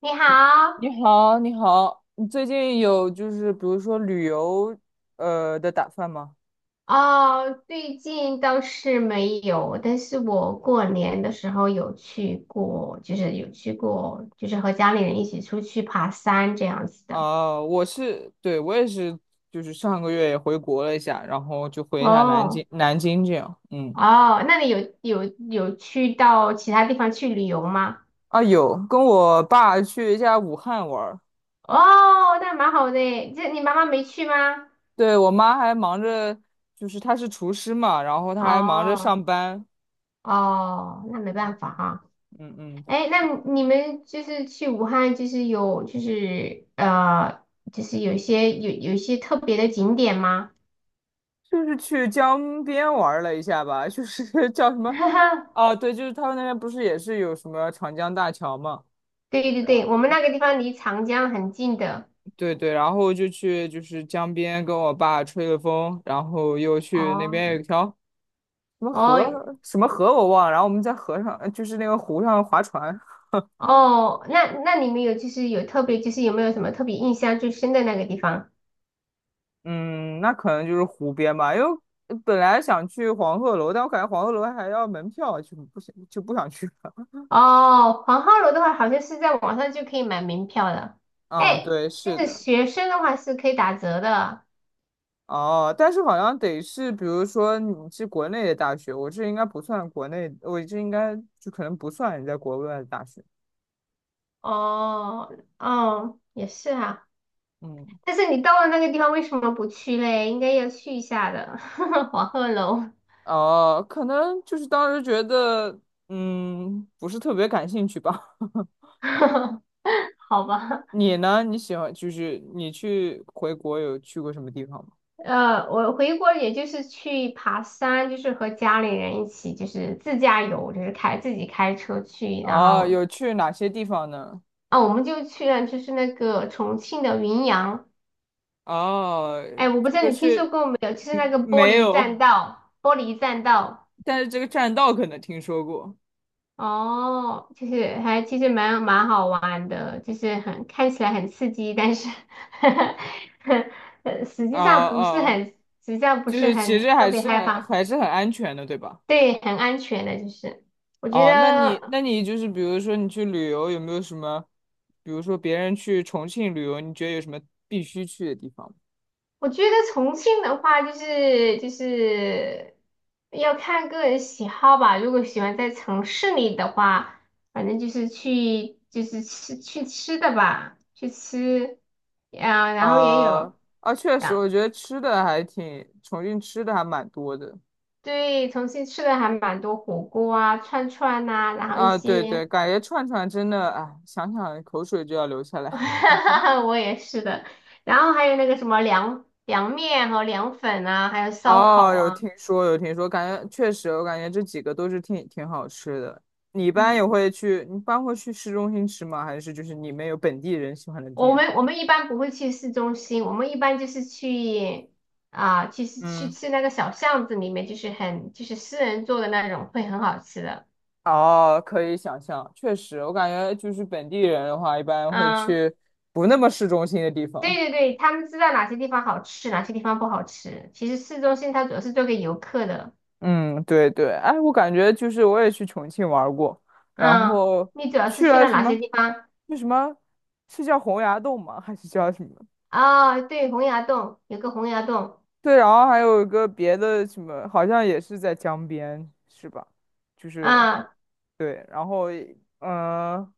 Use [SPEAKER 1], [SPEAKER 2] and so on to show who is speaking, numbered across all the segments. [SPEAKER 1] 你好。
[SPEAKER 2] 你好，你好，你最近有就是比如说旅游的打算吗？
[SPEAKER 1] 哦，最近倒是没有，但是我过年的时候有去过，就是和家里人一起出去爬山这样子的。
[SPEAKER 2] 啊、我是，对，我也是，就是上个月也回国了一下，然后就回一下南
[SPEAKER 1] 哦。
[SPEAKER 2] 京，南京这样，嗯。
[SPEAKER 1] 哦，那你有去到其他地方去旅游吗？
[SPEAKER 2] 啊有，跟我爸去一下武汉玩儿。
[SPEAKER 1] 哦，那蛮好的耶，这你妈妈没去吗？
[SPEAKER 2] 对，我妈还忙着，就是她是厨师嘛，然后她还忙着
[SPEAKER 1] 哦。
[SPEAKER 2] 上班，
[SPEAKER 1] 哦，那没办法哈。
[SPEAKER 2] 嗯嗯。
[SPEAKER 1] 哎，那你们就是去武汉，就是有就是呃，就是有一些特别的景点吗？
[SPEAKER 2] 就是去江边玩了一下吧，就是 叫什 么。
[SPEAKER 1] 哈哈，
[SPEAKER 2] 啊对，就是他们那边不是也是有什么长江大桥嘛。
[SPEAKER 1] 对对对，我们那个地方离长江很近的。
[SPEAKER 2] 对对，然后就去就是江边跟我爸吹了风，然后又去那
[SPEAKER 1] 哦。
[SPEAKER 2] 边有一条什么
[SPEAKER 1] 哦
[SPEAKER 2] 河，什么河我忘了，然后我们在河上，就是那个湖上划船。
[SPEAKER 1] 哦，那那你们有没有什么特别印象最深的那个地方？
[SPEAKER 2] 嗯，那可能就是湖边吧，因为本来想去黄鹤楼，但我感觉黄鹤楼还要门票，就不想去了。
[SPEAKER 1] 哦，黄鹤楼的话，好像是在网上就可以买门票的。
[SPEAKER 2] 嗯，
[SPEAKER 1] 哎，
[SPEAKER 2] 对，
[SPEAKER 1] 就
[SPEAKER 2] 是
[SPEAKER 1] 是
[SPEAKER 2] 的。
[SPEAKER 1] 学生的话是可以打折的。
[SPEAKER 2] 哦，但是好像得是，比如说你是国内的大学，我这应该不算国内，我这应该就可能不算你在国外的大学。
[SPEAKER 1] 哦哦，也是哈。
[SPEAKER 2] 嗯。
[SPEAKER 1] 但是你到了那个地方，为什么不去嘞？应该要去一下的。黄鹤楼。
[SPEAKER 2] 哦，可能就是当时觉得，不是特别感兴趣吧。
[SPEAKER 1] 好吧？
[SPEAKER 2] 你呢？你喜欢就是你去回国有去过什么地方吗？
[SPEAKER 1] 我回国也就是去爬山，就是和家里人一起，就是自驾游，就是开自己开车去，然
[SPEAKER 2] 哦，
[SPEAKER 1] 后
[SPEAKER 2] 有去哪些地方呢？
[SPEAKER 1] 我们就去了，就是那个重庆的云阳。
[SPEAKER 2] 哦，
[SPEAKER 1] 哎，我不知道
[SPEAKER 2] 这个
[SPEAKER 1] 你听
[SPEAKER 2] 是，
[SPEAKER 1] 说过没有，就是那
[SPEAKER 2] 嗯，
[SPEAKER 1] 个玻
[SPEAKER 2] 没
[SPEAKER 1] 璃
[SPEAKER 2] 有，
[SPEAKER 1] 栈道，玻璃栈道。
[SPEAKER 2] 但是这个栈道可能听说过。
[SPEAKER 1] 哦，其实蛮好玩的，就是看起来很刺激，但是 呃实
[SPEAKER 2] 哦
[SPEAKER 1] 际上不是
[SPEAKER 2] 哦，
[SPEAKER 1] 很，实际上不
[SPEAKER 2] 就
[SPEAKER 1] 是
[SPEAKER 2] 是其
[SPEAKER 1] 很
[SPEAKER 2] 实
[SPEAKER 1] 特
[SPEAKER 2] 还
[SPEAKER 1] 别
[SPEAKER 2] 是
[SPEAKER 1] 害
[SPEAKER 2] 很
[SPEAKER 1] 怕。
[SPEAKER 2] 还是很安全的，对吧？
[SPEAKER 1] 对，很安全的，就是我觉
[SPEAKER 2] 哦，那你
[SPEAKER 1] 得，
[SPEAKER 2] 那你就是比如说你去旅游有没有什么，比如说别人去重庆旅游，你觉得有什么必须去的地方吗？
[SPEAKER 1] 我觉得重庆的话，就是要看个人喜好吧。如果喜欢在城市里的话，反正去吃的吧，然后也
[SPEAKER 2] 啊
[SPEAKER 1] 有。
[SPEAKER 2] 啊，确实，我觉得吃的还挺，重庆吃的还蛮多的
[SPEAKER 1] 对，重庆吃的还蛮多火锅啊、串串呐、然后一
[SPEAKER 2] 啊。对
[SPEAKER 1] 些，
[SPEAKER 2] 对，感觉串串真的，哎，想想口水就要流下来。
[SPEAKER 1] 我也是的，然后还有那个什么凉面和凉粉啊，还有烧烤
[SPEAKER 2] 哦，有
[SPEAKER 1] 啊。
[SPEAKER 2] 听说，有听说，感觉确实，我感觉这几个都是挺挺好吃的。你一般也
[SPEAKER 1] 嗯，
[SPEAKER 2] 会去，你一般会去市中心吃吗？还是就是你们有本地人喜欢的
[SPEAKER 1] 我
[SPEAKER 2] 店？
[SPEAKER 1] 们我们一般不会去市中心，我们一般就是去啊，去去
[SPEAKER 2] 嗯。
[SPEAKER 1] 去那个小巷子里面，就是很就是私人做的那种，会很好吃的。
[SPEAKER 2] 哦，可以想象，确实，我感觉就是本地人的话，一般会
[SPEAKER 1] 嗯，
[SPEAKER 2] 去不那么市中心的地
[SPEAKER 1] 对
[SPEAKER 2] 方。
[SPEAKER 1] 对对，他们知道哪些地方好吃，哪些地方不好吃。其实市中心它主要是做给游客的。
[SPEAKER 2] 嗯，对对，哎，我感觉就是我也去重庆玩儿过，然
[SPEAKER 1] 嗯，
[SPEAKER 2] 后
[SPEAKER 1] 你主要是
[SPEAKER 2] 去
[SPEAKER 1] 去
[SPEAKER 2] 了
[SPEAKER 1] 了
[SPEAKER 2] 什
[SPEAKER 1] 哪些
[SPEAKER 2] 么，
[SPEAKER 1] 地方？
[SPEAKER 2] 那什么，是叫洪崖洞吗？还是叫什么？
[SPEAKER 1] 哦，对，洪崖洞。有个洪崖洞
[SPEAKER 2] 对，然后还有一个别的什么，好像也是在江边，是吧？就是
[SPEAKER 1] 啊。
[SPEAKER 2] 对，然后嗯、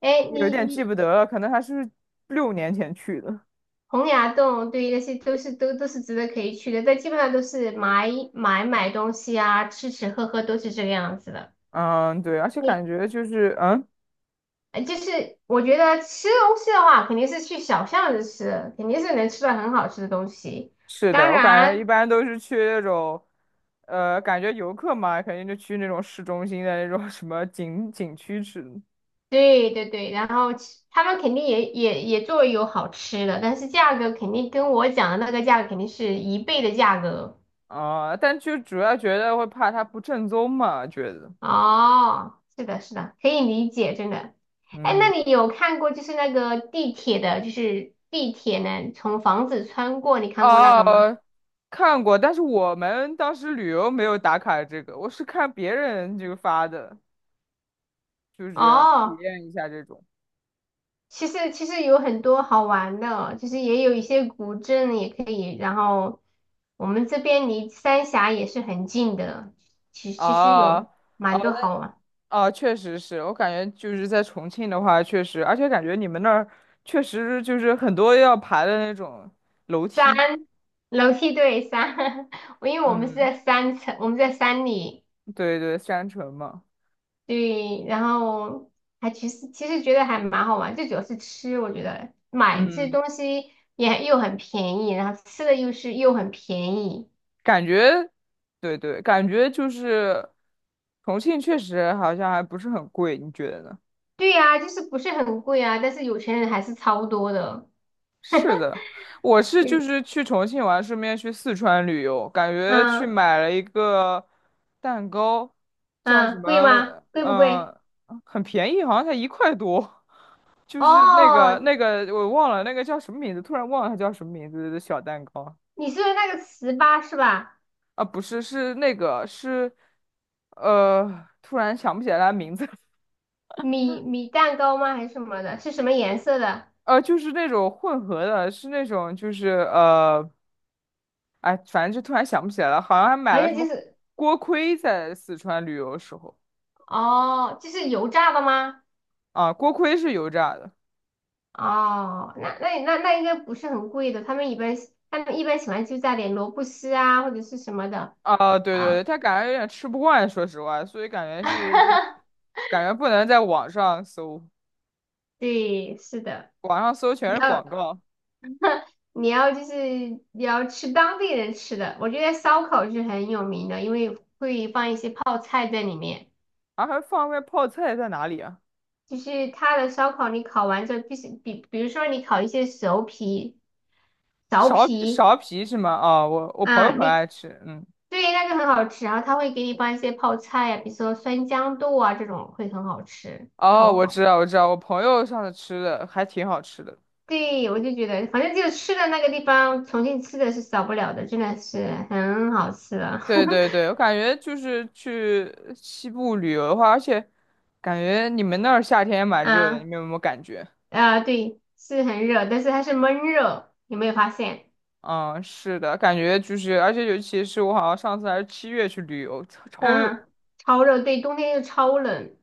[SPEAKER 1] 哎，
[SPEAKER 2] 有
[SPEAKER 1] 你
[SPEAKER 2] 点记
[SPEAKER 1] 你
[SPEAKER 2] 不得了，可能还是6年前去的。
[SPEAKER 1] 洪崖洞，对，那些都是值得可以去的，但基本上都是买买买东西啊，吃吃喝喝都是这个样子的。
[SPEAKER 2] 嗯，对，而且感
[SPEAKER 1] 你
[SPEAKER 2] 觉就是嗯。
[SPEAKER 1] 就是我觉得吃东西的话，肯定是去小巷子吃，肯定是能吃到很好吃的东西。
[SPEAKER 2] 是
[SPEAKER 1] 当
[SPEAKER 2] 的，我感觉一
[SPEAKER 1] 然。
[SPEAKER 2] 般都是去那种，感觉游客嘛，肯定就去那种市中心的那种什么景区吃。
[SPEAKER 1] 对对对，然后其他们肯定也做有好吃的，但是价格肯定跟我讲的那个价格肯定是一倍的价格。
[SPEAKER 2] 啊、但就主要觉得会怕它不正宗嘛，觉得，
[SPEAKER 1] 哦，是的，是的，可以理解，真的。哎，那
[SPEAKER 2] 嗯。
[SPEAKER 1] 你有看过就是那个地铁的，就是地铁呢从房子穿过，你看过那个吗？
[SPEAKER 2] 哦、看过，但是我们当时旅游没有打卡这个，我是看别人就发的，就是体
[SPEAKER 1] 哦，
[SPEAKER 2] 验一下这种。
[SPEAKER 1] 其实有很多好玩的哦，就是也有一些古镇也可以，然后我们这边离三峡也是很近的，其实
[SPEAKER 2] 啊。
[SPEAKER 1] 有蛮多
[SPEAKER 2] 哦
[SPEAKER 1] 好玩。
[SPEAKER 2] 啊，确实是我感觉就是在重庆的话，确实，而且感觉你们那儿确实就是很多要爬的那种楼
[SPEAKER 1] 山。
[SPEAKER 2] 梯。
[SPEAKER 1] 楼梯对山。因为我们是
[SPEAKER 2] 嗯，
[SPEAKER 1] 在三层，我们在山里。
[SPEAKER 2] 对对，山城嘛，
[SPEAKER 1] 对，然后还其实其实觉得还蛮好玩，最主要是吃，我觉得买这些
[SPEAKER 2] 嗯，
[SPEAKER 1] 东西也又很便宜，然后吃的又很便宜。
[SPEAKER 2] 感觉，对对，感觉就是重庆确实好像还不是很贵，你觉得呢？
[SPEAKER 1] 对呀，就是不是很贵啊，但是有钱人还是超多的。
[SPEAKER 2] 是的，我是就
[SPEAKER 1] 嗯
[SPEAKER 2] 是去重庆玩，顺便去四川旅游，感觉去
[SPEAKER 1] 嗯
[SPEAKER 2] 买了一个蛋糕，叫什
[SPEAKER 1] 嗯，贵吗？
[SPEAKER 2] 么，
[SPEAKER 1] 贵不贵？
[SPEAKER 2] 很便宜，好像才1块多。就是那个
[SPEAKER 1] 哦，
[SPEAKER 2] 那个我忘了那个叫什么名字，突然忘了它叫什么名字的小蛋糕
[SPEAKER 1] 你说的那个糍粑是吧？
[SPEAKER 2] 啊，不是是那个是，突然想不起来它名字。
[SPEAKER 1] 米米蛋糕吗？还是什么的？是什么颜色的？
[SPEAKER 2] 就是那种混合的，是那种就是哎，反正就突然想不起来了，好像还买
[SPEAKER 1] 反
[SPEAKER 2] 了什
[SPEAKER 1] 正就
[SPEAKER 2] 么
[SPEAKER 1] 是。
[SPEAKER 2] 锅盔在四川旅游的时候。
[SPEAKER 1] 哦，这是油炸的吗？
[SPEAKER 2] 啊，锅盔是油炸的
[SPEAKER 1] 哦，那应该不是很贵的，他们一般喜欢就加点萝卜丝啊或者是什么的
[SPEAKER 2] 啊，对对
[SPEAKER 1] 啊。
[SPEAKER 2] 对，他感觉有点吃不惯，说实话，所以感觉是就是 感觉不能在网上搜，
[SPEAKER 1] 对，是的，
[SPEAKER 2] 网上搜全
[SPEAKER 1] 你
[SPEAKER 2] 是
[SPEAKER 1] 要
[SPEAKER 2] 广告。
[SPEAKER 1] 你要吃当地人吃的，我觉得烧烤是很有名的，因为会放一些泡菜在里面。
[SPEAKER 2] 啊，还放外泡菜在哪里啊？
[SPEAKER 1] 就是他的烧烤，你烤完之后必须比，比如说你烤一些熟皮、苕
[SPEAKER 2] 苕皮苕
[SPEAKER 1] 皮
[SPEAKER 2] 皮是吗？哦，我朋友
[SPEAKER 1] 啊。
[SPEAKER 2] 很
[SPEAKER 1] 你
[SPEAKER 2] 爱吃，嗯。
[SPEAKER 1] 对，那个很好吃，然后他会给你放一些泡菜呀、比如说酸豇豆啊这种，会很好吃，
[SPEAKER 2] 哦，
[SPEAKER 1] 超
[SPEAKER 2] 我
[SPEAKER 1] 好。
[SPEAKER 2] 知道我知道，我朋友上次吃的还挺好吃的。
[SPEAKER 1] 对，我就觉得，反正就是吃的那个地方，重庆吃的是少不了的，真的是很好吃的。
[SPEAKER 2] 对 对对，我感觉就是去西部旅游的话，而且感觉你们那儿夏天也蛮热的，你
[SPEAKER 1] 嗯
[SPEAKER 2] 们有没有感觉？
[SPEAKER 1] 啊，对，是很热，但是它是闷热，有没有发现？
[SPEAKER 2] 嗯，是的，感觉就是，而且尤其是我好像上次还是7月去旅游，超超热。
[SPEAKER 1] 嗯，超热，对，冬天又超冷，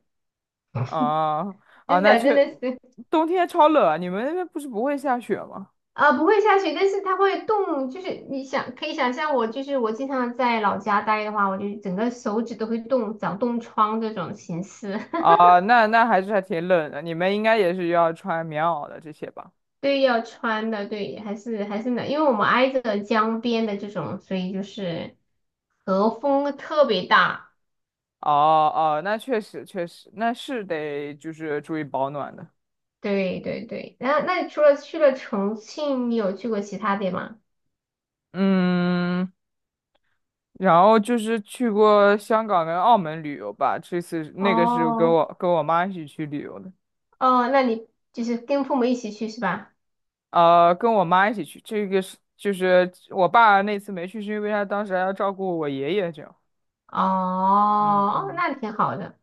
[SPEAKER 2] 啊啊，
[SPEAKER 1] 真的真的是。
[SPEAKER 2] 冬天超冷啊，你们那边不是不会下雪吗？
[SPEAKER 1] 啊，不会下雪，但是它会冻，就是可以想象我，就是我经常在老家待的话，我就整个手指都会冻，长冻疮这种形式。
[SPEAKER 2] 啊，那还是还挺冷的，你们应该也是要穿棉袄的这些吧？
[SPEAKER 1] 对，要穿的，对，还是冷，因为我们挨着江边的这种，所以就是和风特别大。
[SPEAKER 2] 哦哦，那确实确实，那是得就是注意保暖的。
[SPEAKER 1] 对对对，然后那你除了去了重庆，你有去过其他地吗？
[SPEAKER 2] 嗯，然后就是去过香港跟澳门旅游吧，这次那个是跟
[SPEAKER 1] 哦
[SPEAKER 2] 我跟我妈一起去旅游的。
[SPEAKER 1] 哦，那你就是跟父母一起去是吧？
[SPEAKER 2] 跟我妈一起去，这个是就是我爸那次没去，是因为他当时还要照顾我爷爷，这样。嗯
[SPEAKER 1] 哦，
[SPEAKER 2] 嗯，
[SPEAKER 1] 那挺好的。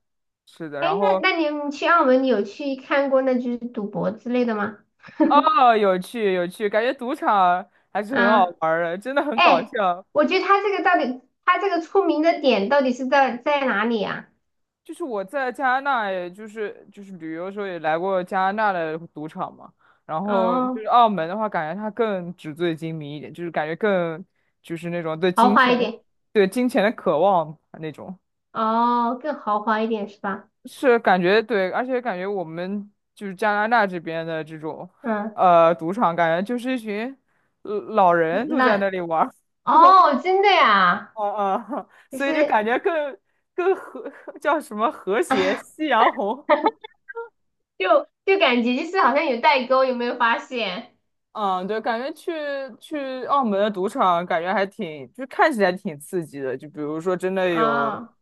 [SPEAKER 2] 是的，
[SPEAKER 1] 哎，
[SPEAKER 2] 然后
[SPEAKER 1] 那你去澳门，你有去看过那就是赌博之类的吗？
[SPEAKER 2] 哦，有趣有趣，感觉赌场还是很好
[SPEAKER 1] 嗯，
[SPEAKER 2] 玩儿的，真的很搞
[SPEAKER 1] 哎，
[SPEAKER 2] 笑。
[SPEAKER 1] 我觉得他这个到底，他这个出名的点到底是在哪里啊？
[SPEAKER 2] 就是我在加拿大，也就是旅游的时候也来过加拿大的赌场嘛。然后就是
[SPEAKER 1] 哦，
[SPEAKER 2] 澳门的话，感觉它更纸醉金迷一点，就是感觉更就是那种对
[SPEAKER 1] 豪
[SPEAKER 2] 金
[SPEAKER 1] 华
[SPEAKER 2] 钱、
[SPEAKER 1] 一点，
[SPEAKER 2] 对金钱的渴望啊那种。
[SPEAKER 1] 哦，更豪华一点是吧？
[SPEAKER 2] 是感觉对，而且感觉我们就是加拿大这边的这种
[SPEAKER 1] 嗯，
[SPEAKER 2] 赌场，感觉就是一群老人都在
[SPEAKER 1] 那
[SPEAKER 2] 那里玩儿。
[SPEAKER 1] 哦，真的呀，
[SPEAKER 2] 啊啊，
[SPEAKER 1] 就
[SPEAKER 2] 所
[SPEAKER 1] 是
[SPEAKER 2] 以就感觉更和叫什么和谐 夕阳红。
[SPEAKER 1] 就感觉就是好像有代沟，有没有发现？
[SPEAKER 2] 嗯，对，感觉去澳门的赌场，感觉还挺，就是看起来挺刺激的。就比如说，真的有，
[SPEAKER 1] 哦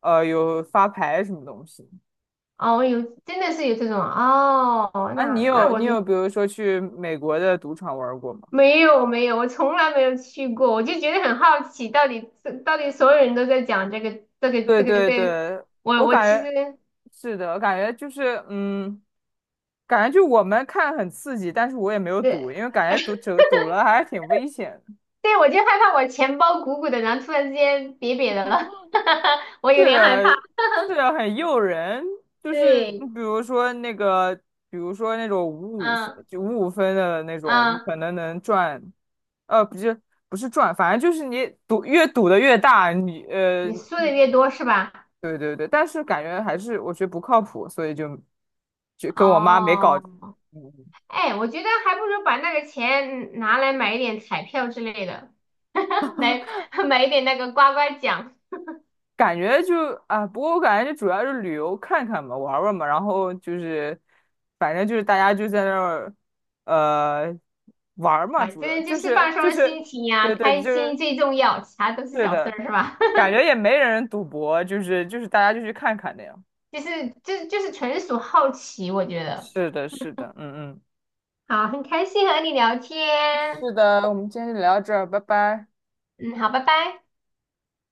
[SPEAKER 2] 有发牌什么东西。
[SPEAKER 1] 哦，有，真的是有这种哦，
[SPEAKER 2] 啊，你
[SPEAKER 1] 那
[SPEAKER 2] 有
[SPEAKER 1] 我
[SPEAKER 2] 你
[SPEAKER 1] 就
[SPEAKER 2] 有，比如说去美国的赌场玩过吗？
[SPEAKER 1] 没有没有，我从来没有去过，我就觉得很好奇，到底所有人都在讲这个这个
[SPEAKER 2] 对
[SPEAKER 1] 这个
[SPEAKER 2] 对
[SPEAKER 1] 这个，
[SPEAKER 2] 对，
[SPEAKER 1] 我
[SPEAKER 2] 我
[SPEAKER 1] 我
[SPEAKER 2] 感
[SPEAKER 1] 其
[SPEAKER 2] 觉
[SPEAKER 1] 实。
[SPEAKER 2] 是的，我感觉就是感觉就我们看很刺激，但是我也没有赌，因
[SPEAKER 1] 对
[SPEAKER 2] 为感觉赌了还是挺危险的。
[SPEAKER 1] 对，我就害怕我钱包鼓鼓的，然后突然之间瘪瘪的了。我有
[SPEAKER 2] 是
[SPEAKER 1] 点害怕。
[SPEAKER 2] 的，是的，很诱人。就是你
[SPEAKER 1] 对，
[SPEAKER 2] 比如说那个，比如说那种五五分，
[SPEAKER 1] 嗯
[SPEAKER 2] 就五五分的那种，你
[SPEAKER 1] 嗯，
[SPEAKER 2] 可能能赚。不是不是赚，反正就是你赌越赌的越大，你
[SPEAKER 1] 你输的越多是吧？
[SPEAKER 2] 对对对。但是感觉还是我觉得不靠谱，所以就跟我妈没搞。
[SPEAKER 1] 哦，
[SPEAKER 2] 嗯嗯
[SPEAKER 1] 哎，我觉得还不如把那个钱拿来买一点彩票之类的。来买一点那个刮刮奖。
[SPEAKER 2] 感觉就啊，不过我感觉就主要是旅游看看嘛，玩玩嘛，然后就是反正就是大家就在那儿呃玩儿嘛，
[SPEAKER 1] 反
[SPEAKER 2] 主要
[SPEAKER 1] 正就
[SPEAKER 2] 就
[SPEAKER 1] 是
[SPEAKER 2] 是
[SPEAKER 1] 放
[SPEAKER 2] 就
[SPEAKER 1] 松
[SPEAKER 2] 是
[SPEAKER 1] 心情呀、
[SPEAKER 2] 对对
[SPEAKER 1] 开
[SPEAKER 2] 就是
[SPEAKER 1] 心最重要，其他都是
[SPEAKER 2] 是
[SPEAKER 1] 小事
[SPEAKER 2] 的，
[SPEAKER 1] 儿，是吧？
[SPEAKER 2] 感觉也没人赌博，就是大家就去看看那样。
[SPEAKER 1] 就是纯属好奇，我觉得。
[SPEAKER 2] 是的，是的，嗯嗯，
[SPEAKER 1] 好，很开心和你聊天，
[SPEAKER 2] 是的，我们今天就聊到这儿，拜拜。
[SPEAKER 1] 嗯，好，拜拜。